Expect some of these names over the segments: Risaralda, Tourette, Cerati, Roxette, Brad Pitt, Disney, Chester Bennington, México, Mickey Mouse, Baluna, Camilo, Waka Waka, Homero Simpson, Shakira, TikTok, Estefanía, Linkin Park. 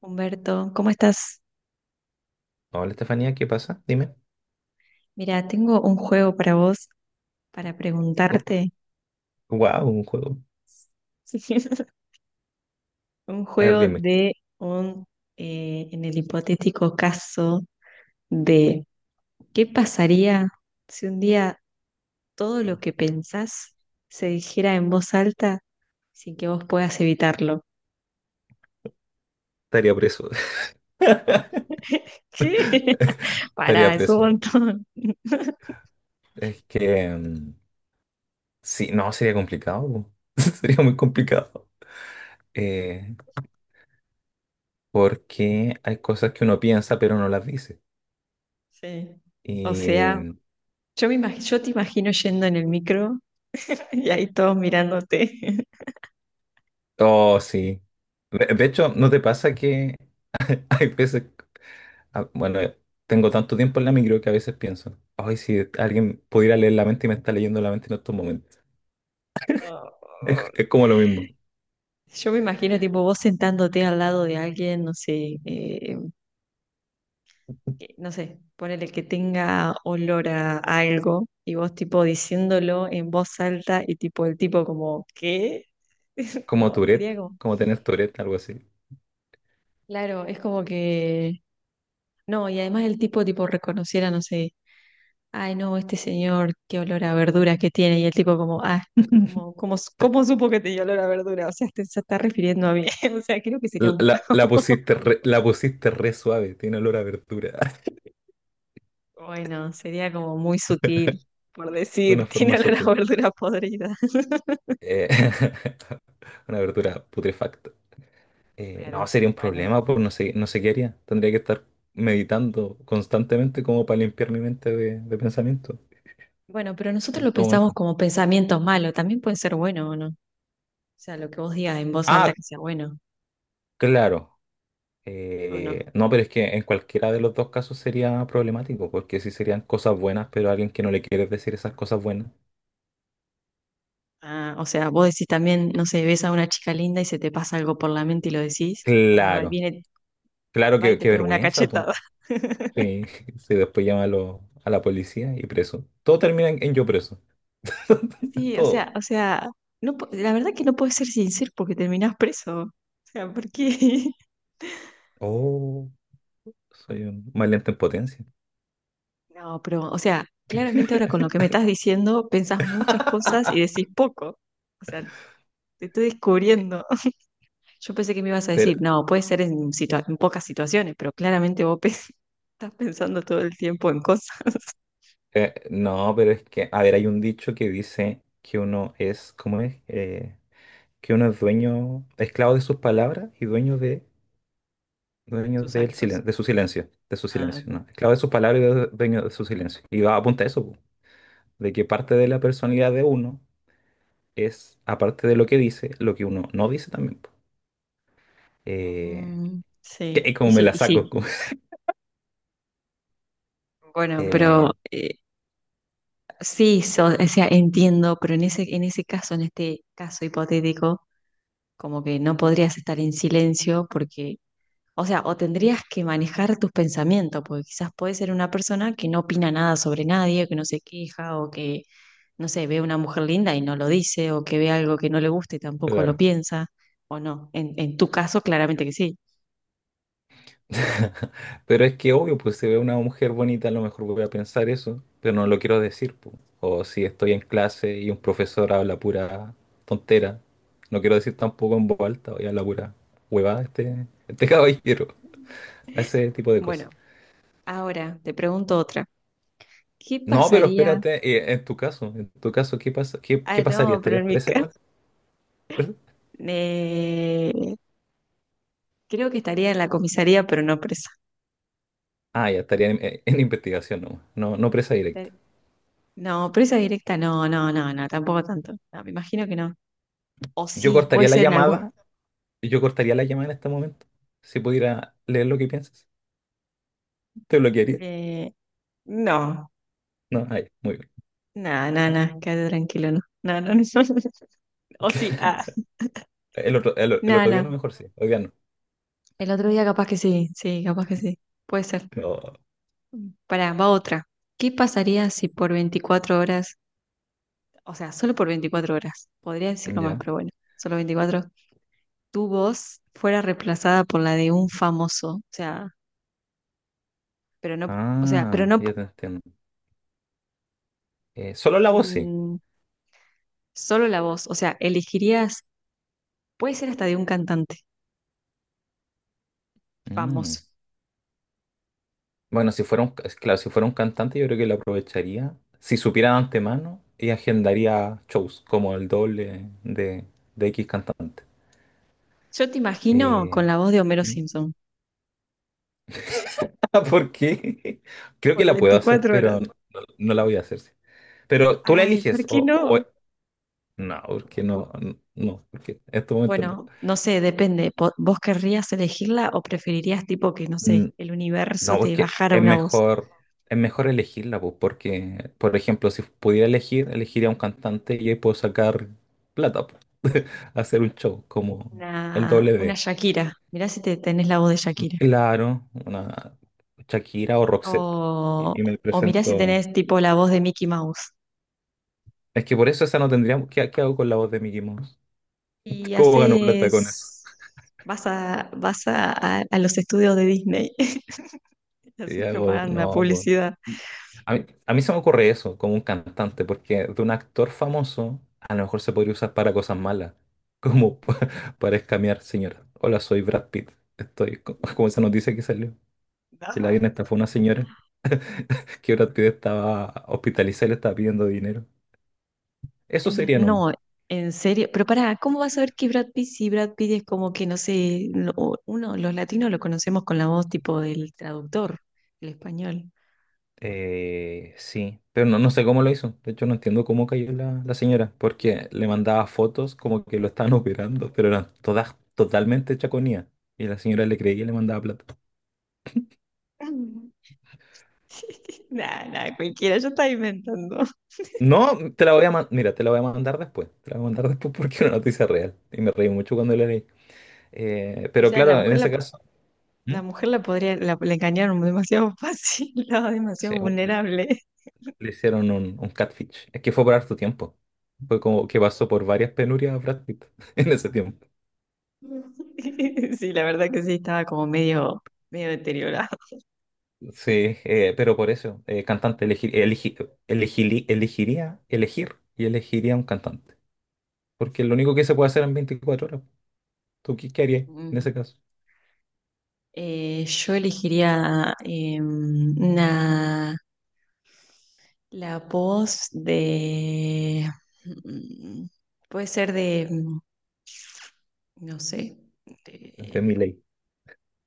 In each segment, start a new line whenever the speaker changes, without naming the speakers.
Humberto, ¿cómo estás?
Hola Estefanía, ¿qué pasa? Dime.
Mira, tengo un juego para vos, para preguntarte.
Wow, un juego.
Un
A ver,
juego
dime.
de un, en el hipotético caso de ¿qué pasaría si un día todo lo que pensás se dijera en voz alta sin que vos puedas evitarlo?
Estaría preso.
¿Qué?
Estaría
Pará, es un
preso.
montón.
Es que sí, no, sería complicado. Po. Sería muy complicado. Eh, porque hay cosas que uno piensa pero no las dice.
Sí. O
Y
sea,
mm,
yo te imagino yendo en el micro y ahí todos mirándote.
oh, sí. De hecho, ¿no te pasa que hay veces, ah, bueno, tengo tanto tiempo en la micro que a veces pienso, ay, si alguien pudiera leer la mente y me está leyendo la mente en estos momentos.
No.
Es como lo mismo.
Yo me imagino, tipo, vos sentándote al lado de alguien, no sé, que- no sé, ponele que tenga olor a algo y vos, tipo, diciéndolo en voz alta y, tipo, el tipo como, ¿qué?
Como
No, sería
Tourette,
como,
como tener Tourette, algo así.
claro, es como que, no, y además el tipo, tipo, reconociera, no sé, ay, no, este señor, qué olor a verduras que tiene, y el tipo como, ah, como, como, ¿cómo supo que tenía olor a verdura? O sea, te- se está refiriendo a mí, o sea, creo que sería un
La
caos.
pusiste re, suave, tiene olor a verdura.
Bueno, sería como muy sutil, por decir,
Una
tiene
forma
olor a
sutil.
verdura podrida.
Eh, una verdura putrefacta. No,
Claro,
sería un
bueno.
problema, pues no sé qué haría. Tendría que estar meditando constantemente como para limpiar mi mente de pensamiento
Bueno, pero nosotros
en
lo
todo
pensamos
momento.
como pensamientos malos, también puede ser bueno o no. O sea, lo que vos digas en voz alta
Ah,
que sea bueno
claro.
o
Eh,
no.
no, pero es que en cualquiera de los dos casos sería problemático, porque sí serían cosas buenas, pero a alguien que no le quieres decir esas cosas buenas.
Ah, o sea, vos decís también, no sé, ves a una chica linda y se te pasa algo por la mente y lo decís, capaz va,
Claro,
viene,
claro,
va y
qué,
te
qué
pega una
vergüenza, pues.
cachetada.
Sí, sí, después llama a la policía y preso. Todo termina en yo preso.
Sí, o
Todo.
sea, o sea, no, po- la verdad que no puedes ser sincero porque terminás preso. O sea, ¿por qué?
Oh, soy un mal lento en potencia.
No, pero, o sea, claramente ahora con lo que me estás diciendo, pensás muchas cosas y decís poco. O sea, te estoy
Eh,
descubriendo. Yo pensé que me ibas a
Pero,
decir, no, puede ser situa- en pocas situaciones, pero claramente vos pe- estás pensando todo el tiempo en cosas,
no, pero es que, a ver, hay un dicho que dice que uno es, ¿cómo es? Que uno es dueño, esclavo de sus palabras y dueño de, dueño
tus
del
actos.
silen- de su silencio, de su
Ah,
silencio, ¿no? Esclavo de sus palabras y dueño de su silencio. Y va a apuntar eso, po, de que parte de la personalidad de uno es, aparte de lo que dice, lo que uno no dice también. Po. Eh, que es
sí, y
como me
sí,
la
y
saco.
sí. Bueno, pero
Eh,
sí, so- o sea, entiendo, pero en ese caso, en este caso hipotético, como que no podrías estar en silencio porque o sea, o tendrías que manejar tus pensamientos, porque quizás puede ser una persona que no opina nada sobre nadie, que no se queja, o que, no sé, ve una mujer linda y no lo dice, o que ve algo que no le gusta y tampoco lo
claro.
piensa, o no. En tu caso, claramente que sí.
Pero es que obvio, pues si veo una mujer bonita, a lo mejor voy a pensar eso, pero no lo quiero decir, po. O si estoy en clase y un profesor habla pura tontera, no quiero decir tampoco en voz alta, oye, habla pura huevada este caballero, ese tipo de cosas.
Bueno, ahora te pregunto otra. ¿Qué
No, pero
pasaría?
espérate, en tu caso, ¿qué pasa? ¿Qué,
Ah,
qué pasaría?
no, pero
¿Estarías
en mi
presa
caso,
igual?
eh, creo que estaría en la comisaría, pero no presa.
Ah, ya estaría en investigación nomás, no presa
Estar-
directa.
No, presa directa, no, no, no, no, tampoco tanto. No, me imagino que no. O
Yo
sí, puede
cortaría la
ser en algún,
llamada, yo cortaría la llamada en este momento. Si pudiera leer lo que piensas, te bloquearía.
Eh, no,
No, ahí, muy bien.
nada, nada,
Ya.
nada, quédate tranquilo, no. No, no, no. O sí, ah,
El
nada,
otro día a
nada.
lo mejor sí, hoy día no.
El otro día capaz que sí, sí, capaz que sí. Puede ser. Pará, va otra. ¿Qué pasaría si por 24 horas, o sea, solo por 24 horas, podría
No.
decirlo más,
Ya.
pero bueno, solo 24, tu voz fuera reemplazada por la de un famoso? O sea, pero no,
Ah, ya te entiendo. Solo la voz sí.
mm, solo la voz, o sea, elegirías, puede ser hasta de un cantante
Mm.
famoso.
Bueno, si fuera un, ca- claro, si fuera un cantante, yo creo que lo aprovecharía. Si supiera de antemano, y agendaría shows como el doble de X cantante.
Yo te imagino
Eh,
con la voz de Homero
¿Mm?
Simpson
¿Por qué? Creo que
por
la puedo hacer,
24 horas.
pero no la voy a hacer. Sí. Pero tú la
Ay, ¿por
eliges
qué no?
no, porque en este momento no.
Bueno, no sé, depende. Po- ¿Vos querrías elegirla o preferirías tipo que, no sé,
Mm,
el universo
No, es
te
que
bajara
es
una voz?
mejor, es mejor elegirla, pues, porque, por ejemplo, si pudiera elegir, elegiría un cantante y ahí puedo sacar plata, pues, hacer un show como el doble
Una
de,
Shakira. Mirá si te tenés la voz de Shakira.
claro, una Shakira o Roxette.
O,
Y me
o mirá si tenés
presento.
tipo la voz de Mickey Mouse.
Es que por eso esa no tendríamos. ¿Qué hago con la voz de Mickey Mouse?
Y
¿Cómo gano plata con eso?
haces... Vas a, vas a los estudios de Disney.
Y
Haces
hago,
propaganda,
no, pues.
publicidad.
Y a mí, se me ocurre eso, como un cantante, porque de un actor famoso a lo mejor se podría usar para cosas malas, como para escamear, señora. Hola, soy Brad Pitt. Como esa noticia que salió, que la
No.
bien estafó una señora, que Brad Pitt estaba hospitalizada y le estaba pidiendo dinero. Eso sería no.
No, en serio. Pero pará, ¿cómo vas a ver que Brad Pitt si Brad Pitt es como que, no sé, lo- uno, los latinos lo conocemos con la voz tipo del traductor, el español.
Sí, pero no, no sé cómo lo hizo. De hecho, no entiendo cómo cayó la señora, porque le mandaba fotos como que lo estaban operando, pero eran todas totalmente chaconías. Y la señora le creía y le mandaba plata.
Nada, nada, cualquiera, yo estaba inventando.
No, te la voy a mandar. Mira, te la voy a mandar después. Te la voy a mandar después porque es una noticia real. Y me reí mucho cuando la leí. Eh,
O
pero
sea, la
claro, en
mujer la,
ese
po-
caso, ¿Mm?
la mujer la podría, la engañaron demasiado fácil, estaba
sí,
demasiado
un-
vulnerable.
le hicieron un catfish. Es que fue por harto tiempo. Fue como que pasó por varias penurias a Brad Pitt en ese tiempo.
Sí, la verdad que sí, estaba como medio, medio deteriorado.
Sí, pero por eso, cantante, elegir, elegi- elegili- elegiría, elegir y elegiría un cantante. Porque es lo único que se puede hacer en 24 horas. ¿Tú qué harías en ese
Mm.
caso?
Yo elegiría la voz de... mm, puede ser de, no sé,
Esta es
de...
mi ley.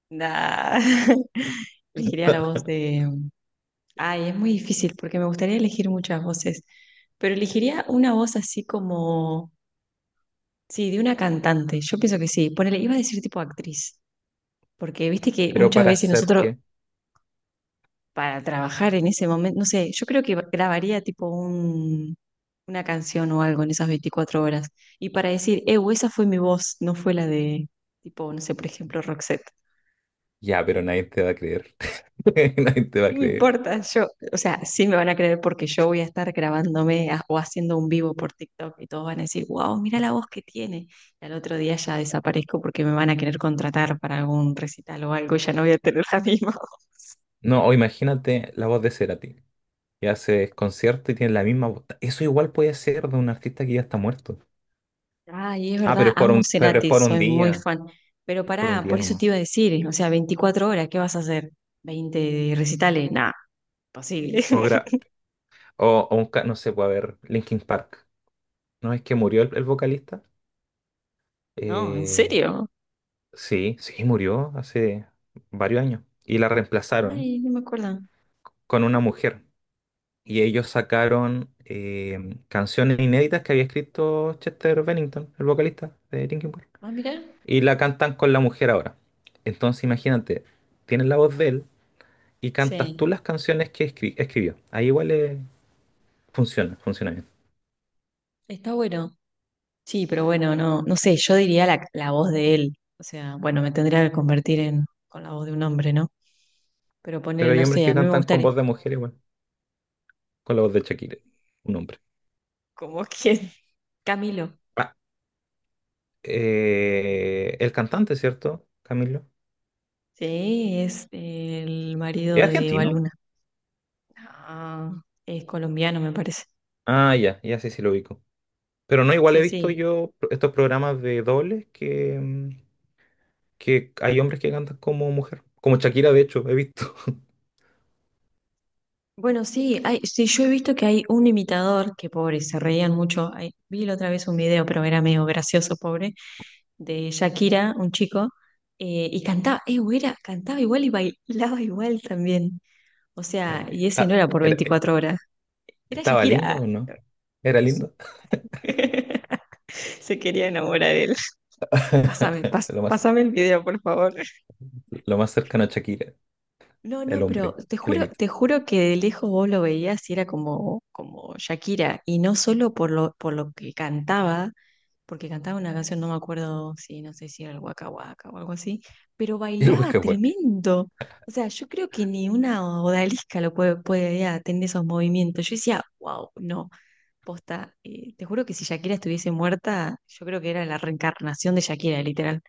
nah. Elegiría la voz de... Ay, es muy difícil porque me gustaría elegir muchas voces, pero elegiría una voz así como... Sí, de una cantante. Yo pienso que sí. Ponele, iba a decir tipo actriz, porque viste que
Pero
muchas
para
veces
hacer
nosotros
que,
para trabajar en ese momento. No sé, yo creo que grabaría tipo un, una canción o algo en esas 24 horas. Y para decir, esa fue mi voz, no fue la de, tipo, no sé, por ejemplo, Roxette.
ya, pero nadie te va a creer. Nadie te va a
No me
creer.
importa, yo, o sea, sí me van a creer porque yo voy a estar grabándome a- o haciendo un vivo por TikTok y todos van a decir, wow, mira la voz que tiene. Y al otro día ya desaparezco porque me van a querer contratar para algún recital o algo y ya no voy a tener la misma voz.
No, o imagínate la voz de Cerati, que hace concierto y tiene la misma voz. Eso igual puede ser de un artista que ya está muerto.
Ay, es
Ah,
verdad, amo
pero es
Cerati, soy muy fan. Pero
por un
pará,
día
por eso
nomás.
te iba a decir, o sea, 24 horas, ¿qué vas a hacer? ¿Veinte recitales? Nada, imposible.
O, gra- o un, ca- No sé, puede haber Linkin Park. No es que murió el vocalista.
No, ¿en
Eh,
serio?
sí, sí, murió hace varios años. Y la reemplazaron
Ay, no me acuerdo.
con una mujer. Y ellos sacaron canciones inéditas que había escrito Chester Bennington, el vocalista de Linkin Park.
Ah, mirá.
Y la cantan con la mujer ahora. Entonces imagínate, tienes la voz de él y cantas tú
Sí,
las canciones que escribió. Ahí igual funciona, funciona bien.
está bueno. Sí, pero bueno, no, no sé, yo diría la, la voz de él. O sea, bueno, me tendría que convertir en con la voz de un hombre, ¿no? Pero
Pero
poner,
hay
no
hombres
sé,
que
a mí me
cantan con
gustaría.
voz de mujer igual, con la voz de Shakira, un hombre.
¿Cómo quién? Camilo.
Ah, el cantante, ¿cierto, Camilo?
Sí, es el marido
¿Es
de
argentino?
Baluna. Ah, es colombiano, me parece.
Ah, ya, ya sí, sí lo ubico. Pero no, igual he
Sí,
visto
sí.
yo estos programas de dobles que hay hombres que cantan como mujer. Como Shakira, de hecho, he visto.
Bueno, sí, hay, sí, yo he visto que hay un imitador, que pobre, se reían mucho. Ay, vi la otra vez un video, pero era medio gracioso, pobre, de Shakira, un chico, y cantaba, güera, cantaba igual y bailaba igual también. O sea, y ese no
Está-
era por
era-
24 horas, era
¿Estaba lindo
Shakira.
o no? ¿Era lindo?
Se quería enamorar de él.
Lo más,
Pásame el video, por favor.
lo más cercano a Shakira,
No,
el
no, pero
hombre que le imita.
te juro que de lejos vos lo veías y era como, como Shakira, y no solo por lo que cantaba, porque cantaba una canción, no me acuerdo si, no sé si era el Waka Waka o algo así, pero
Y el
bailaba
hueque hueque.
tremendo. O sea, yo creo que ni una odalisca lo puede, puede ya, tener esos movimientos. Yo decía, wow, no, posta, te juro que si Shakira estuviese muerta, yo creo que era la reencarnación de Shakira, literal.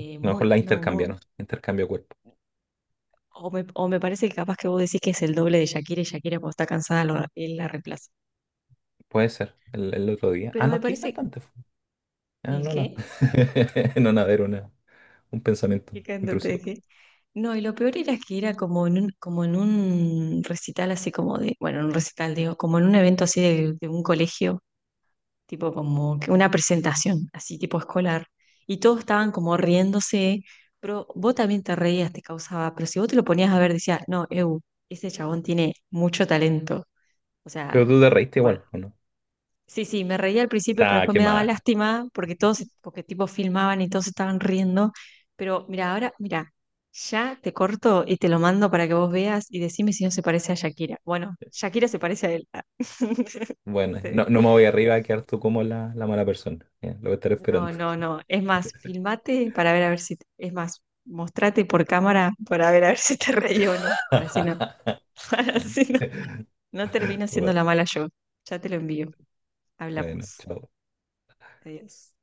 A lo
Muy,
mejor la
no, muy,
intercambiaron, intercambio cuerpo.
o me, o me parece que capaz que vos decís que es el doble de Shakira y Shakira cuando está cansada lo- él la reemplaza.
Puede ser, el otro día. Ah,
Pero me
no, ¿qué
parece...
cantante Ah,
¿El
no, no.
qué?
No, nada, era un pensamiento
¿Qué cantante de
intrusivo.
qué? No, y lo peor era que era como en un recital así como de... Bueno, en un recital, digo, como en un evento así de un colegio, tipo como que una presentación, así tipo escolar. Y todos estaban como riéndose, pero vos también te reías, te causaba... Pero si vos te lo ponías a ver, decías, no, eu, ese chabón tiene mucho talento. O
Pero
sea...
tú te reíste
Bueno,
igual, ¿o no?
sí, sí, me reía al principio, pero
Nah,
después
qué
me daba
mal.
lástima porque todos, se- porque tipo filmaban y todos estaban riendo. Pero mira, ahora, mira, ya te corto y te lo mando para que vos veas y decime si no se parece a Shakira. Bueno, Shakira se parece a él.
Bueno, no,
Te-
no me voy arriba a quedar tú como la mala persona. Ya, lo voy a estar
No,
esperando.
no, no. Es más, filmate para ver a ver si, es más, mostrate por cámara para ver a ver si te reí o no. Para si no, para si no, no termino siendo la mala yo. Ya te lo envío.
Bueno,
Hablamos.
chao.
Adiós.